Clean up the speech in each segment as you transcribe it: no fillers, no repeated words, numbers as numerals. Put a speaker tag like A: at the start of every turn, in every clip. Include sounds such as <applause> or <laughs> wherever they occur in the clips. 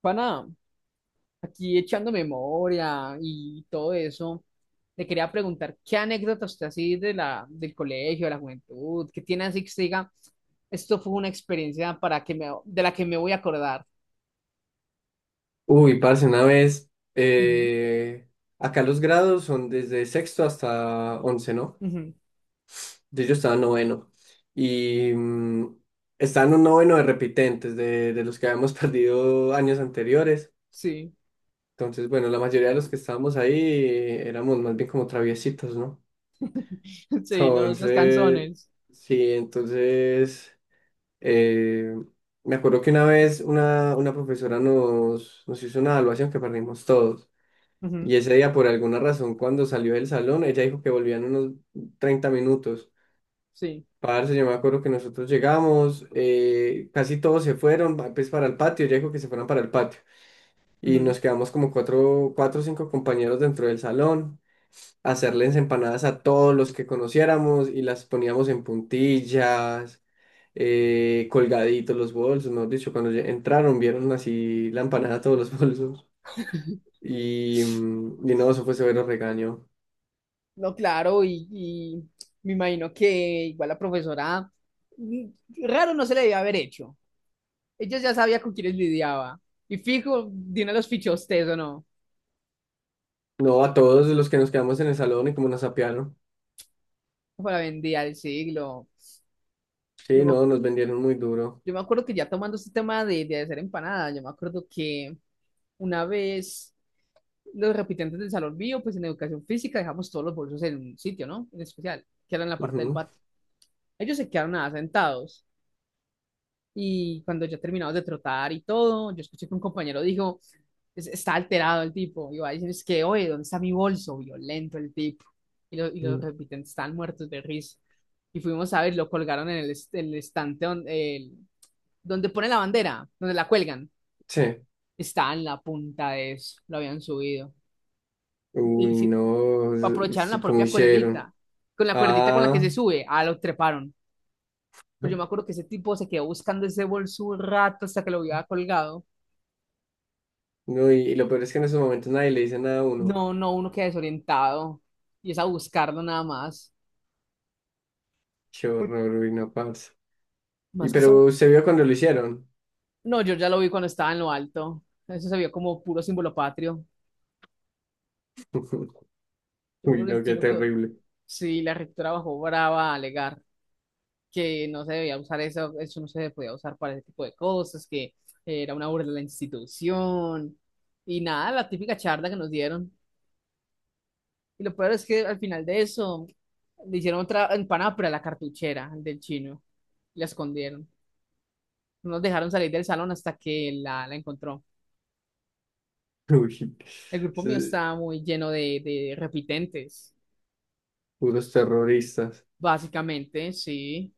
A: Pana, aquí echando memoria y todo eso, le quería preguntar qué anécdotas usted así del colegio, de la juventud, qué tiene así que se diga, esto fue una experiencia de la que me voy a acordar.
B: Uy, parce, una vez,
A: Ujú.
B: acá los grados son desde sexto hasta once, ¿no?
A: Ujú.
B: Entonces yo estaba en noveno y estaba en un noveno de repitentes, de los que habíamos <laughs> perdido años anteriores.
A: Sí.
B: Entonces, bueno, la mayoría de los que estábamos ahí éramos más bien como traviesitos, ¿no?
A: <laughs>
B: <laughs>
A: Sí, los
B: Entonces,
A: canzones.
B: sí, entonces, eh, me acuerdo que una vez una profesora nos hizo una evaluación que perdimos todos.
A: Ujú.
B: Y ese día, por alguna razón, cuando salió del salón, ella dijo que volvían unos 30 minutos.
A: Sí.
B: Parce, yo me acuerdo que nosotros llegamos, casi todos se fueron, pues para el patio, ella dijo que se fueran para el patio. Y
A: Ujú.
B: nos quedamos como cuatro, cuatro o cinco compañeros dentro del salón, a hacerles empanadas a todos los que conociéramos y las poníamos en puntillas, colgaditos los bolsos, mejor dicho, cuando ya entraron vieron así la empanada a todos los <laughs> bolsos. Y, y no, eso fue severo regaño.
A: No, claro, y me imagino que igual la profesora, mm, raro no se le debe haber hecho. Ella ya sabía con quiénes lidiaba. Y fijo, Dina los fichó a usted o no.
B: No, a todos los que nos quedamos en el salón y como nos apiaron.
A: Para vendía el siglo. Yo
B: Sí,
A: me,
B: no,
A: acu-
B: nos vendieron muy duro.
A: yo me acuerdo que ya tomando este tema de hacer empanadas, yo me acuerdo que una vez los repitentes del salón bio, pues en educación física dejamos todos los bolsos en un sitio, ¿no? En especial, que era en la parte del
B: Ujú.
A: patio. Ellos se quedaron nada sentados. Y cuando ya terminamos de trotar y todo, yo escuché que un compañero dijo, Está alterado el tipo. Y va a decir, es que, oye, ¿dónde está mi bolso? Violento el tipo. Y los
B: Mm.
A: repitentes están muertos de risa. Y fuimos a ver, lo colgaron en el estante donde pone la bandera, donde la cuelgan.
B: Sí.
A: Estaba en la punta de eso, lo habían subido. Y,
B: Uy,
A: si
B: no,
A: aprovecharon la
B: ¿cómo
A: propia
B: hicieron?
A: cuerdita con la que
B: Ah,
A: se sube, lo treparon. Pues yo me acuerdo que ese tipo se quedó buscando ese bolso un rato hasta que lo había colgado.
B: no, y lo peor es que en esos momentos nadie le dice nada a uno.
A: No, no, uno queda desorientado. Y es a buscarlo nada más.
B: Qué
A: Uy,
B: horror, uy, no, parce. Y
A: más que son...
B: pero se vio cuando lo hicieron.
A: No, yo ya lo vi cuando estaba en lo alto. Eso se vio como puro símbolo patrio.
B: <laughs>
A: Yo me
B: Uy,
A: acuerdo que el
B: no, qué
A: chino quedó...
B: terrible.
A: Sí, la rectora bajó brava a alegar que no se debía usar eso, eso no se podía usar para ese tipo de cosas, que era una burla de la institución. Y nada, la típica charla que nos dieron. Y lo peor es que al final de eso le hicieron otra empanada, pero a la cartuchera del chino. La escondieron. No nos dejaron salir del salón hasta que la encontró.
B: <laughs> Uy,
A: El grupo mío
B: sí,
A: estaba muy lleno de repitentes,
B: puros terroristas.
A: básicamente, sí.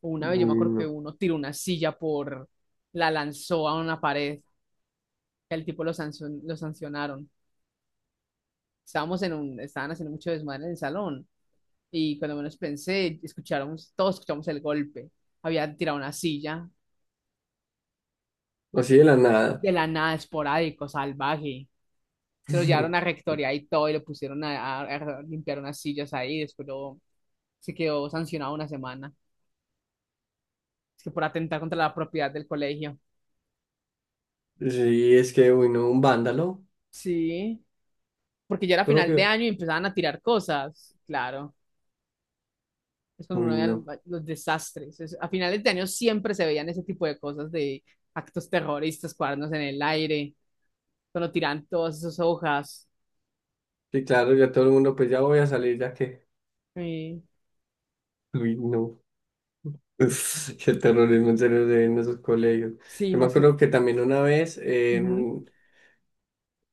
A: Una vez yo me
B: Uy,
A: acuerdo que
B: no.
A: uno tiró una silla la lanzó a una pared. El tipo lo sancionaron. Estábamos estaban haciendo mucho desmadre en el salón. Y cuando menos pensé, todos escuchamos el golpe. Había tirado una silla
B: Así de la nada.
A: de la nada, esporádico, salvaje. Se lo llevaron a
B: <laughs>
A: rectoría y todo, y lo pusieron a limpiar unas sillas ahí, se quedó sancionado una semana. Es que por atentar contra la propiedad del colegio.
B: Sí, es que, uy, no, un vándalo
A: Sí, porque ya era final de
B: propio.
A: año y empezaban a tirar cosas, claro. Es cuando uno
B: Uy,
A: veía
B: no.
A: los desastres. A finales de año siempre se veían ese tipo de cosas de actos terroristas, cuadernos en el aire, cuando tiran todas esas hojas.
B: Sí, claro, ya todo el mundo, pues ya voy a salir, ya que,
A: Sí,
B: uy, no, <laughs> qué terrorismo en serio se ve en esos colegios.
A: sí,
B: Yo me
A: más que...
B: acuerdo que también una vez,
A: Ujú.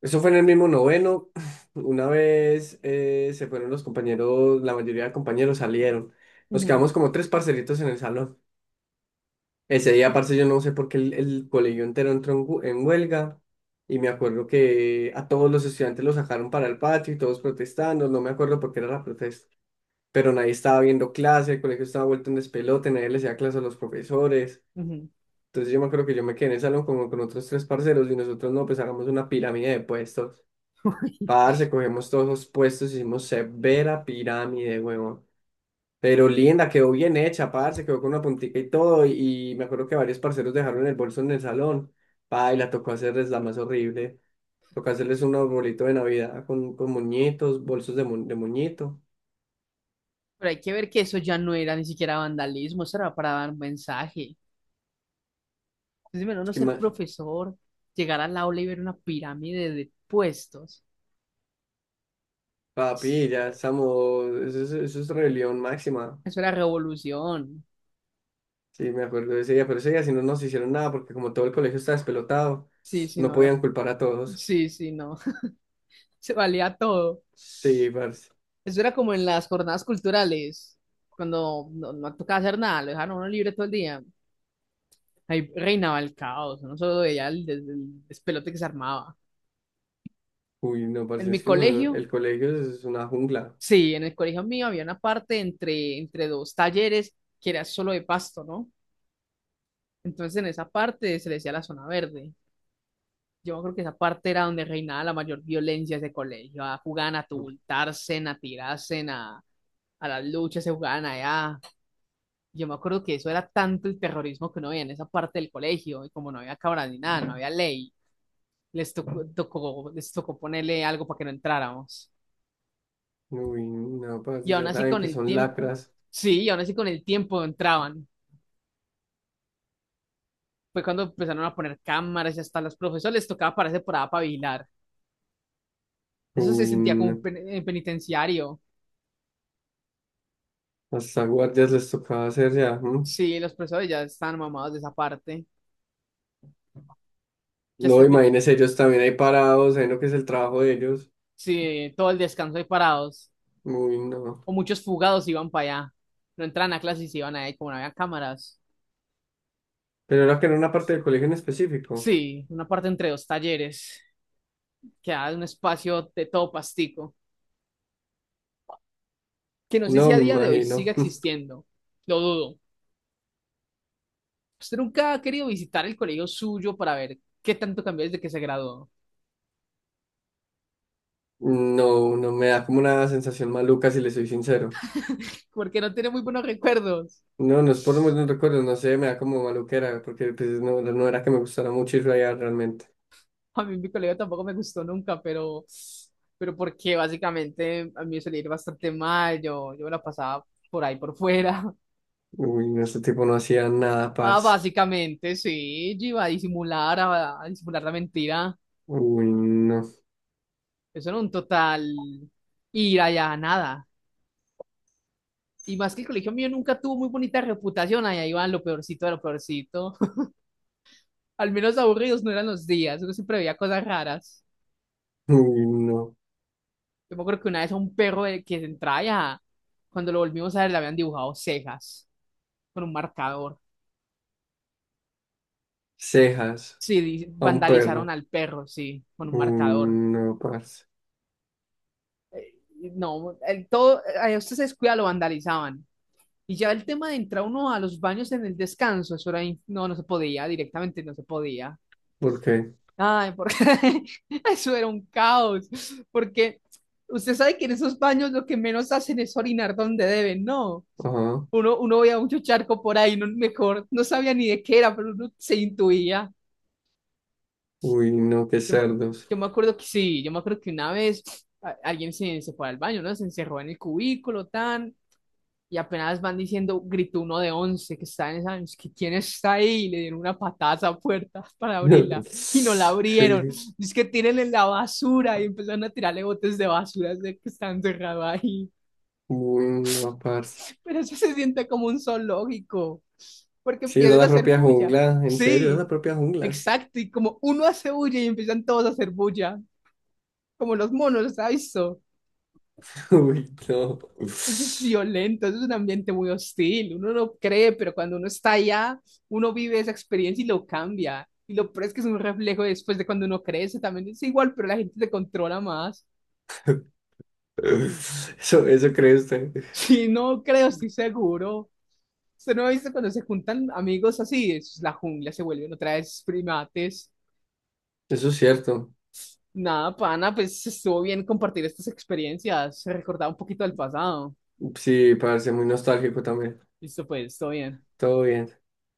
B: eso fue en el mismo noveno, <sniffs> <clears throat> una vez se fueron los compañeros, la mayoría de compañeros salieron, nos
A: Ujú.
B: quedamos como tres parcelitos en el salón. Ese día, parce, yo no sé por qué el colegio entero entró en, en huelga, y me acuerdo que a todos los estudiantes los sacaron para el patio y todos protestando, no me acuerdo por qué era la protesta. Pero nadie estaba viendo clase, el colegio estaba vuelto un despelote, nadie le hacía clase a los profesores.
A: Ujú.
B: Entonces yo me acuerdo que yo me quedé en el salón como con otros tres parceros y nosotros no, pues hagamos una pirámide de puestos.
A: <laughs>
B: Parce, cogemos todos los puestos, hicimos severa pirámide, huevón. Pero linda, quedó bien hecha, parce, quedó con una puntica y todo. Y me acuerdo que varios parceros dejaron el bolso en el salón. Pa, y la tocó hacerles la más horrible. Tocó hacerles un arbolito de Navidad con moñitos, bolsos de, de moñito.
A: Pero hay que ver que eso ya no era ni siquiera vandalismo, eso era para dar un mensaje. Entonces, bueno,
B: Es
A: no
B: que
A: ser
B: ima-
A: profesor, llegar al aula y ver una pirámide de puestos.
B: Papi,
A: <sniffs>
B: ya estamos, eso es rebelión máxima.
A: Eso era revolución.
B: Sí, me acuerdo de ese día, pero ese día si no nos hicieron nada porque como todo el colegio estaba despelotado,
A: Sí, sí,
B: no
A: no había.
B: podían culpar a todos.
A: Sí, sí, no. <laughs> Se valía todo.
B: Sí, parce.
A: Eso era como en las jornadas culturales, cuando no tocaba hacer nada, lo dejaron a uno libre todo el día. Ahí reinaba el caos, no solo veía el despelote que se armaba.
B: Uy, no,
A: En
B: parce, es
A: mi
B: que no,
A: colegio
B: el colegio es una jungla.
A: Sí, en el colegio mío había una parte entre dos talleres que era solo de pasto, ¿no? Entonces en esa parte se le decía la zona verde. Yo creo que esa parte era donde reinaba la mayor violencia de ese colegio. Ah, jugaban a tumultarse, a tirarse, a las luchas, se jugaban allá. Yo me acuerdo que eso era tanto el terrorismo que no había en esa parte del colegio. Y como no había cámara ni nada, no había ley, les tocó ponerle algo para que no entráramos.
B: Uy, no,
A: Y
B: parce,
A: aún
B: ya
A: así
B: saben
A: con
B: que
A: el
B: son
A: tiempo,
B: lacras.
A: Sí, y aún así con el tiempo entraban. Fue cuando empezaron a poner cámaras y hasta a los profesores les tocaba pararse por allá para vigilar. Eso se
B: Uy,
A: sentía como un
B: no.
A: en penitenciario.
B: Hasta guardias les tocaba hacer ya, ¿no?
A: Sí, los profesores ya están mamados de esa parte. Ya hasta
B: No,
A: el fin-
B: imagínense ellos también ahí parados, ahí lo que es el trabajo de ellos.
A: sí, todo el descanso ahí parados.
B: Uy, no.
A: O muchos fugados iban para allá. No entran a clases y se iban ahí como no había cámaras.
B: Pero era que era una parte del colegio en específico.
A: Sí, una parte entre dos talleres. Quedaba un espacio de todo pastico. Que no sé si
B: No,
A: a
B: me
A: día de hoy siga
B: imagino.
A: existiendo. Lo dudo. ¿Usted nunca ha querido visitar el colegio suyo para ver qué tanto cambió desde que se graduó?
B: No, no, me da como una sensación maluca si le soy sincero.
A: <laughs> Porque no tiene muy buenos recuerdos.
B: No, no es por los recuerdos, no sé, me da como maluquera, porque pues, no, no era que me gustara mucho ir allá realmente.
A: A mí mi colegio tampoco me gustó nunca, pero, porque básicamente a mí me solía ir bastante mal, yo me la pasaba por ahí por fuera. <laughs>
B: Uy, no, este tipo no hacía nada,
A: Ah,
B: parce.
A: básicamente, sí, yo iba a disimular, a disimular la mentira.
B: Uy, no,
A: Eso era un total ir allá a nada. Y más que el colegio mío nunca tuvo muy bonita reputación, allá iban lo peorcito de lo peorcito. <laughs> Al menos aburridos no eran los días, uno siempre veía cosas raras.
B: uy, no.
A: Yo me acuerdo que una vez a un perro que entraba ya, cuando lo volvimos a ver, le habían dibujado cejas con un marcador.
B: Cejas
A: Sí,
B: a un
A: vandalizaron
B: perro.
A: al perro, sí, con un
B: Uy,
A: marcador.
B: no, parce.
A: Y no, todo, a usted se descuida, lo vandalizaban. Y ya el tema de entrar uno a los baños en el descanso, eso era, no, no se podía, directamente no se podía.
B: ¿Por qué?
A: Ay, porque <laughs> eso era un caos, porque usted sabe que en esos baños lo que menos hacen es orinar donde deben, ¿no?
B: Ajá.
A: Uno veía mucho charco por ahí, no, mejor, no sabía ni de qué era, pero uno se intuía.
B: Uy, no, qué
A: Yo, me-
B: cerdos.
A: yo me acuerdo que sí, yo me acuerdo que una vez alguien se fue al baño, ¿no? Se encerró en el cubículo, tan, y apenas van diciendo, gritó uno de 11 que es que quién está ahí, y le dieron una patada a esa puerta <laughs> para abrirla,
B: <laughs>
A: y no la abrieron. Es que tírenle la basura, y empezaron a tirarle botes de basura, de que están encerrado ahí.
B: Uy, no, parce.
A: Pero eso se siente como un zoológico, porque
B: Sí, esa es
A: empiezan a
B: la
A: hacer
B: propia
A: bulla.
B: jungla, en serio, esa es
A: Sí,
B: la propia jungla.
A: exacto. Y como uno hace bulla y empiezan todos a hacer bulla, como los monos, ¿sabes? Eso
B: <laughs> Uy, no.
A: Eso es violento, eso es un ambiente muy hostil. Uno no cree, pero cuando uno está allá, uno vive esa experiencia y lo cambia. Y lo peor es que es un reflejo después de cuando uno crece, también es igual, pero la gente te controla más. <laughs>
B: Eso cree usted.
A: Sí, no creo, estoy seguro. Usted no ha visto cuando se juntan amigos así. Eso es la jungla, se vuelven otra vez primates.
B: Eso es cierto.
A: Nada, pana, pues estuvo bien compartir estas experiencias, recordar un poquito del pasado.
B: Sí, parce, muy nostálgico también.
A: Listo, pues, todo bien.
B: Todo bien.